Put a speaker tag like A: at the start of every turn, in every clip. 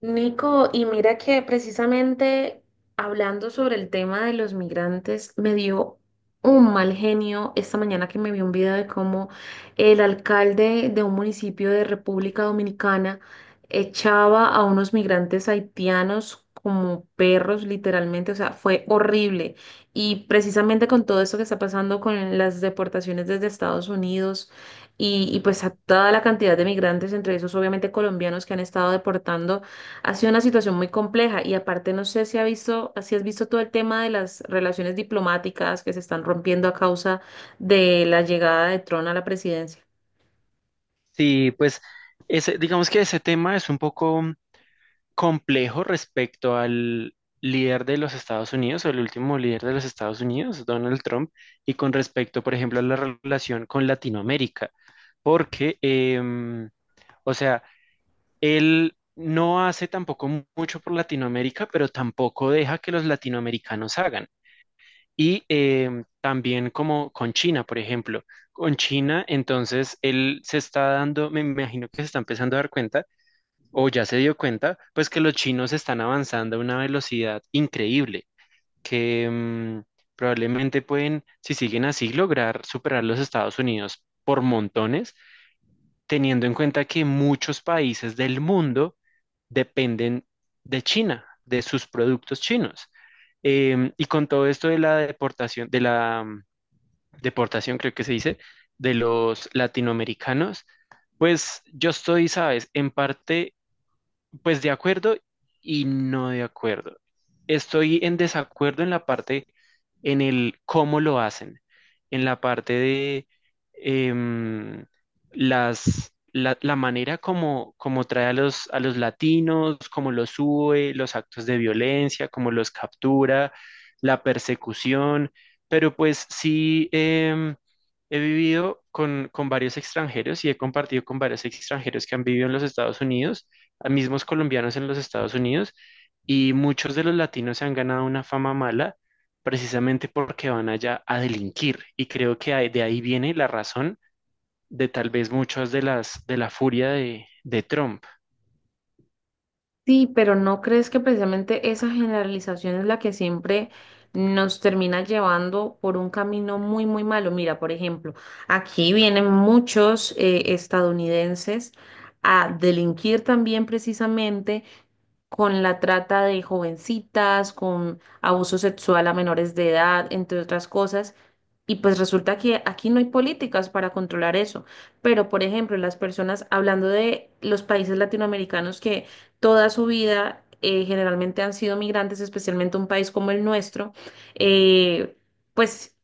A: Nico, y mira que precisamente hablando sobre el tema de los migrantes, me dio un mal genio esta mañana que me vi un video de cómo el alcalde de un municipio de República Dominicana echaba a unos migrantes haitianos como perros, literalmente, o sea, fue horrible. Y precisamente con todo esto que está pasando con las deportaciones desde Estados Unidos y pues a toda la cantidad de migrantes, entre esos obviamente colombianos que han estado deportando. Ha sido una situación muy compleja y aparte no sé si ha visto, si has visto todo el tema de las relaciones diplomáticas que se están rompiendo a causa de la llegada de Trump a la presidencia.
B: Sí, pues ese, digamos que ese tema es un poco complejo respecto al líder de los Estados Unidos o el último líder de los Estados Unidos, Donald Trump, y con respecto, por ejemplo, a la relación con Latinoamérica, porque, o sea, él no hace tampoco mucho por Latinoamérica, pero tampoco deja que los latinoamericanos hagan. Y también como con China, por ejemplo. Con China, entonces él se está dando, me imagino que se está empezando a dar cuenta, o ya se dio cuenta, pues que los chinos están avanzando a una velocidad increíble, que probablemente pueden, si siguen así, lograr superar los Estados Unidos por montones, teniendo en cuenta que muchos países del mundo dependen de China, de sus productos chinos. Y con todo esto de la deportación, de la deportación creo que se dice, de los latinoamericanos, pues yo estoy, sabes, en parte pues de acuerdo y no de acuerdo. Estoy en desacuerdo en la parte, en el cómo lo hacen, en la parte de em, las, la manera como, como trae a los latinos, cómo los sube, los actos de violencia, cómo los captura, la persecución. Pero pues sí, he vivido con varios extranjeros y he compartido con varios extranjeros que han vivido en los Estados Unidos a mismos colombianos en los Estados Unidos y muchos de los latinos se han ganado una fama mala precisamente porque van allá a delinquir y creo que de ahí viene la razón de tal vez muchas de las de la furia de Trump.
A: Sí, pero ¿no crees que precisamente esa generalización es la que siempre nos termina llevando por un camino muy, muy malo? Mira, por ejemplo, aquí vienen muchos estadounidenses a delinquir también precisamente con la trata de jovencitas, con abuso sexual a menores de edad, entre otras cosas. Y pues resulta que aquí no hay políticas para controlar eso. Pero, por ejemplo, las personas, hablando de los países latinoamericanos que toda su vida generalmente han sido migrantes, especialmente un país como el nuestro, eh, pues...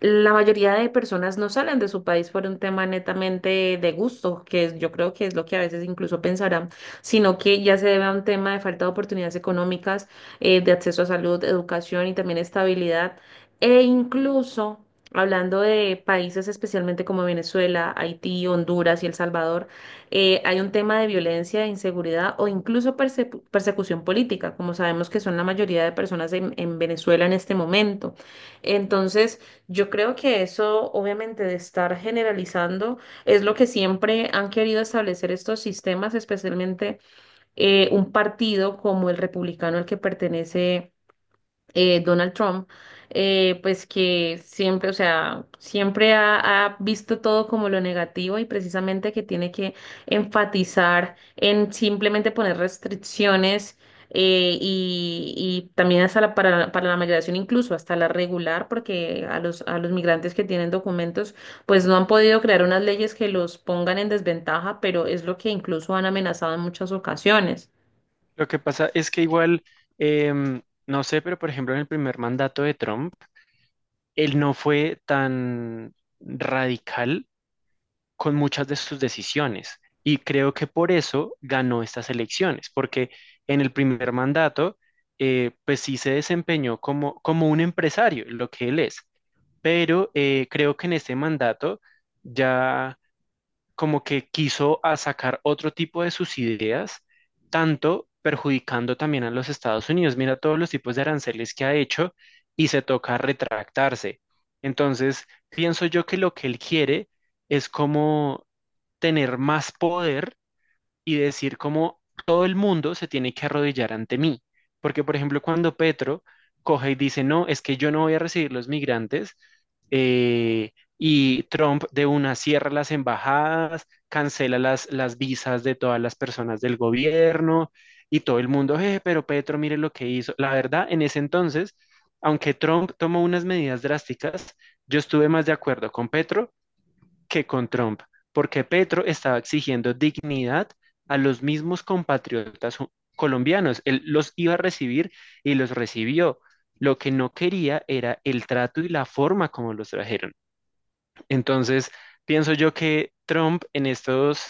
A: La mayoría de personas no salen de su país por un tema netamente de gusto, yo creo que es lo que a veces incluso pensarán, sino que ya se debe a un tema de falta de oportunidades económicas, de acceso a salud, educación y también estabilidad. E incluso, hablando de países especialmente como Venezuela, Haití, Honduras y El Salvador, hay un tema de violencia, de inseguridad o incluso persecución política, como sabemos que son la mayoría de personas en Venezuela en este momento. Entonces, yo creo que eso, obviamente, de estar generalizando es lo que siempre han querido establecer estos sistemas, especialmente un partido como el republicano al que pertenece Donald Trump, pues que siempre, o sea, siempre ha visto todo como lo negativo y precisamente que tiene que enfatizar en simplemente poner restricciones. Y también hasta para la migración, incluso hasta la regular, porque a a los migrantes que tienen documentos, pues no han podido crear unas leyes que los pongan en desventaja, pero es lo que incluso han amenazado en muchas ocasiones.
B: Lo que pasa es que igual, em, no sé, pero por ejemplo en el primer mandato de Trump, él no fue tan radical con muchas de sus decisiones. Y creo que por eso ganó estas elecciones, porque en el primer mandato, pues sí se desempeñó como, como un empresario, lo que él es. Pero creo que en este mandato ya como que quiso a sacar otro tipo de sus ideas, tanto perjudicando también a los Estados Unidos. Mira todos los tipos de aranceles que ha hecho y se toca retractarse. Entonces, pienso yo que lo que él quiere es como tener más poder y decir como todo el mundo se tiene que arrodillar ante mí. Porque, por ejemplo, cuando Petro coge y dice, no, es que yo no voy a recibir los migrantes, eh, y Trump de una cierra las embajadas, cancela las visas de todas las personas del gobierno y todo el mundo, pero Petro, mire lo que hizo". La verdad, en ese entonces, aunque Trump tomó unas medidas drásticas, yo estuve más de acuerdo con Petro que con Trump, porque Petro estaba exigiendo dignidad a los mismos compatriotas colombianos. Él los iba a recibir y los recibió. Lo que no quería era el trato y la forma como los trajeron. Entonces, pienso yo que Trump en estos,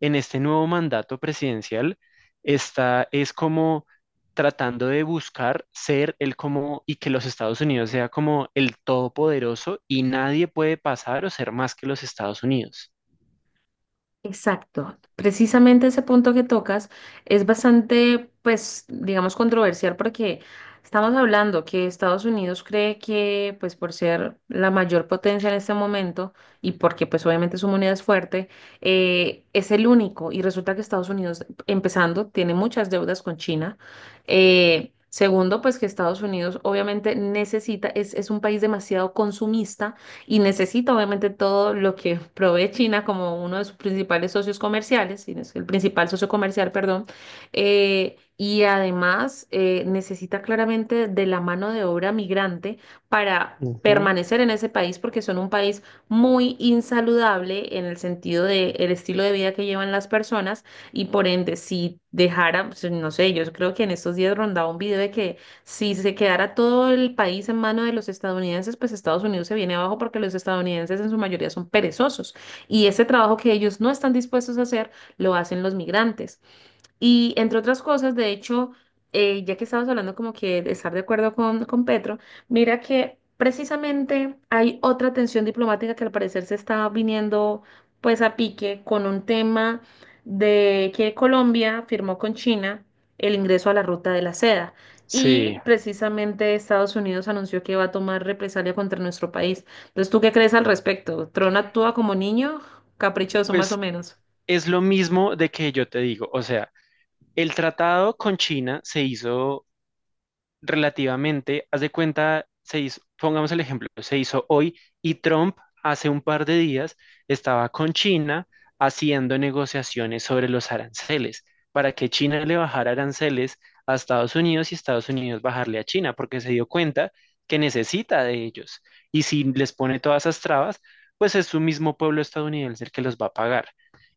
B: en este nuevo mandato presidencial está, es como tratando de buscar ser el como y que los Estados Unidos sea como el todopoderoso y nadie puede pasar o ser más que los Estados Unidos.
A: Exacto. Precisamente ese punto que tocas es bastante, pues, digamos, controversial porque estamos hablando que Estados Unidos cree que, pues, por ser la mayor potencia en este momento y porque, pues, obviamente su moneda es fuerte, es el único. Y resulta que Estados Unidos, empezando, tiene muchas deudas con China. Segundo, pues que Estados Unidos obviamente necesita, es un país demasiado consumista y necesita obviamente todo lo que provee China como uno de sus principales socios comerciales, si no es el principal socio comercial, perdón, y además necesita claramente de la mano de obra migrante para...
B: Ujú.
A: permanecer en ese país porque son un país muy insaludable en el sentido de el estilo de vida que llevan las personas y por ende si dejara, pues, no sé, yo creo que en estos días rondaba un video de que si se quedara todo el país en mano de los estadounidenses, pues Estados Unidos se viene abajo porque los estadounidenses en su mayoría son perezosos y ese trabajo que ellos no están dispuestos a hacer lo hacen los migrantes. Y entre otras cosas, de hecho, ya que estabas hablando como que de estar de acuerdo con Petro, mira que precisamente hay otra tensión diplomática que al parecer se está viniendo pues a pique con un tema de que Colombia firmó con China el ingreso a la ruta de la seda.
B: Sí,
A: Y precisamente Estados Unidos anunció que va a tomar represalia contra nuestro país. Entonces, ¿tú qué crees al respecto? ¿Tron actúa como niño? Caprichoso, más o
B: pues
A: menos.
B: es lo mismo de que yo te digo, o sea, el tratado con China se hizo relativamente, haz de cuenta, se hizo, pongamos el ejemplo, se hizo hoy y Trump hace un par de días estaba con China haciendo negociaciones sobre los aranceles para que China le bajara aranceles a Estados Unidos y Estados Unidos bajarle a China, porque se dio cuenta que necesita de ellos. Y si les pone todas esas trabas, pues es su mismo pueblo estadounidense el que los va a pagar.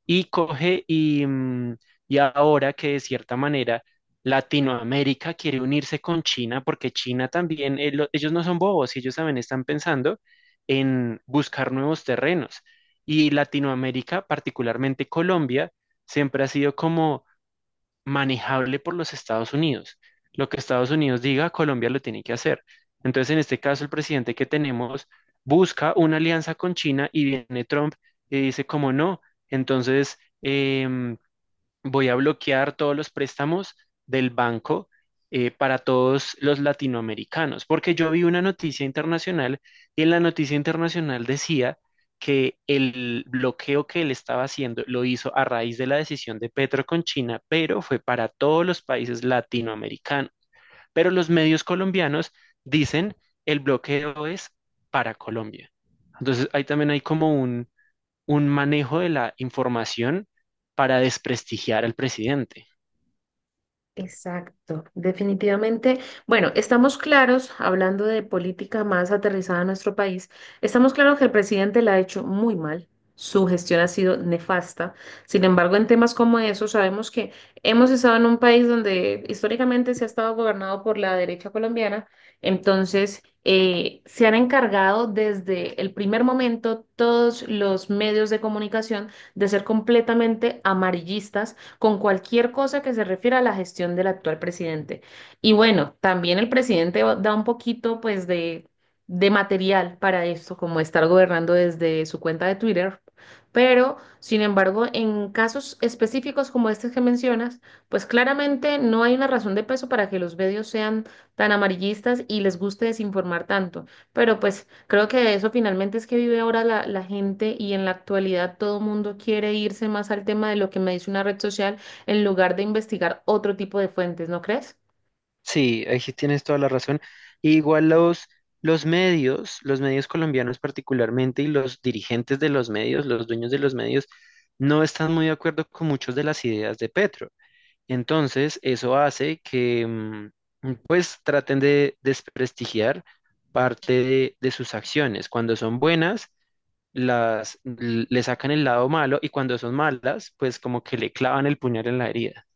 B: Y coge y, y ahora que de cierta manera Latinoamérica quiere unirse con China porque China también, ellos no son bobos, ellos también están pensando en buscar nuevos terrenos. Y Latinoamérica, particularmente Colombia, siempre ha sido como manejable por los Estados Unidos. Lo que Estados Unidos diga, Colombia lo tiene que hacer. Entonces, en este caso, el presidente que tenemos busca una alianza con China y viene Trump y dice, como no, entonces... em, voy a bloquear todos los préstamos del banco para todos los latinoamericanos, porque yo vi una noticia internacional y en la noticia internacional decía que el bloqueo que él estaba haciendo lo hizo a raíz de la decisión de Petro con China, pero fue para todos los países latinoamericanos. Pero los medios colombianos dicen el bloqueo es para Colombia. Entonces ahí también hay como un manejo de la información para desprestigiar al presidente.
A: Exacto, definitivamente. Bueno, estamos claros, hablando de política más aterrizada a nuestro país, estamos claros que el presidente la ha hecho muy mal, su gestión ha sido nefasta. Sin embargo, en temas como esos, sabemos que hemos estado en un país donde históricamente se ha estado gobernado por la derecha colombiana, entonces se han encargado desde el primer momento todos los medios de comunicación de ser completamente amarillistas con cualquier cosa que se refiera a la gestión del actual presidente. Y bueno, también el presidente da un poquito pues de material para esto, como estar gobernando desde su cuenta de Twitter. Pero, sin embargo, en casos específicos como este que mencionas, pues claramente no hay una razón de peso para que los medios sean tan amarillistas y les guste desinformar tanto. Pero pues creo que de eso finalmente es que vive ahora la gente y en la actualidad todo el mundo quiere irse más al tema de lo que me dice una red social en lugar de investigar otro tipo de fuentes, ¿no crees?
B: Sí, ahí sí tienes toda la razón. Y igual los medios colombianos particularmente y los dirigentes de los medios, los dueños de los medios, no están muy de acuerdo con muchas de las ideas de Petro. Entonces, eso hace que pues traten de desprestigiar parte de sus acciones. Cuando son buenas, las, le sacan el lado malo y cuando son malas, pues como que le clavan el puñal en la herida.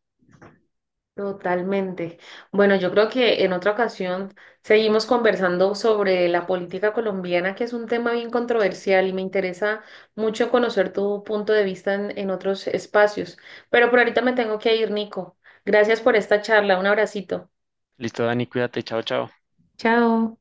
A: Totalmente. Bueno, yo creo que en otra ocasión seguimos conversando sobre la política colombiana, que es un tema bien controversial y me interesa mucho conocer tu punto de vista en otros espacios. Pero por ahorita me tengo que ir, Nico. Gracias por esta charla. Un abracito.
B: Listo, Dani, cuídate, chao, chao.
A: Chao.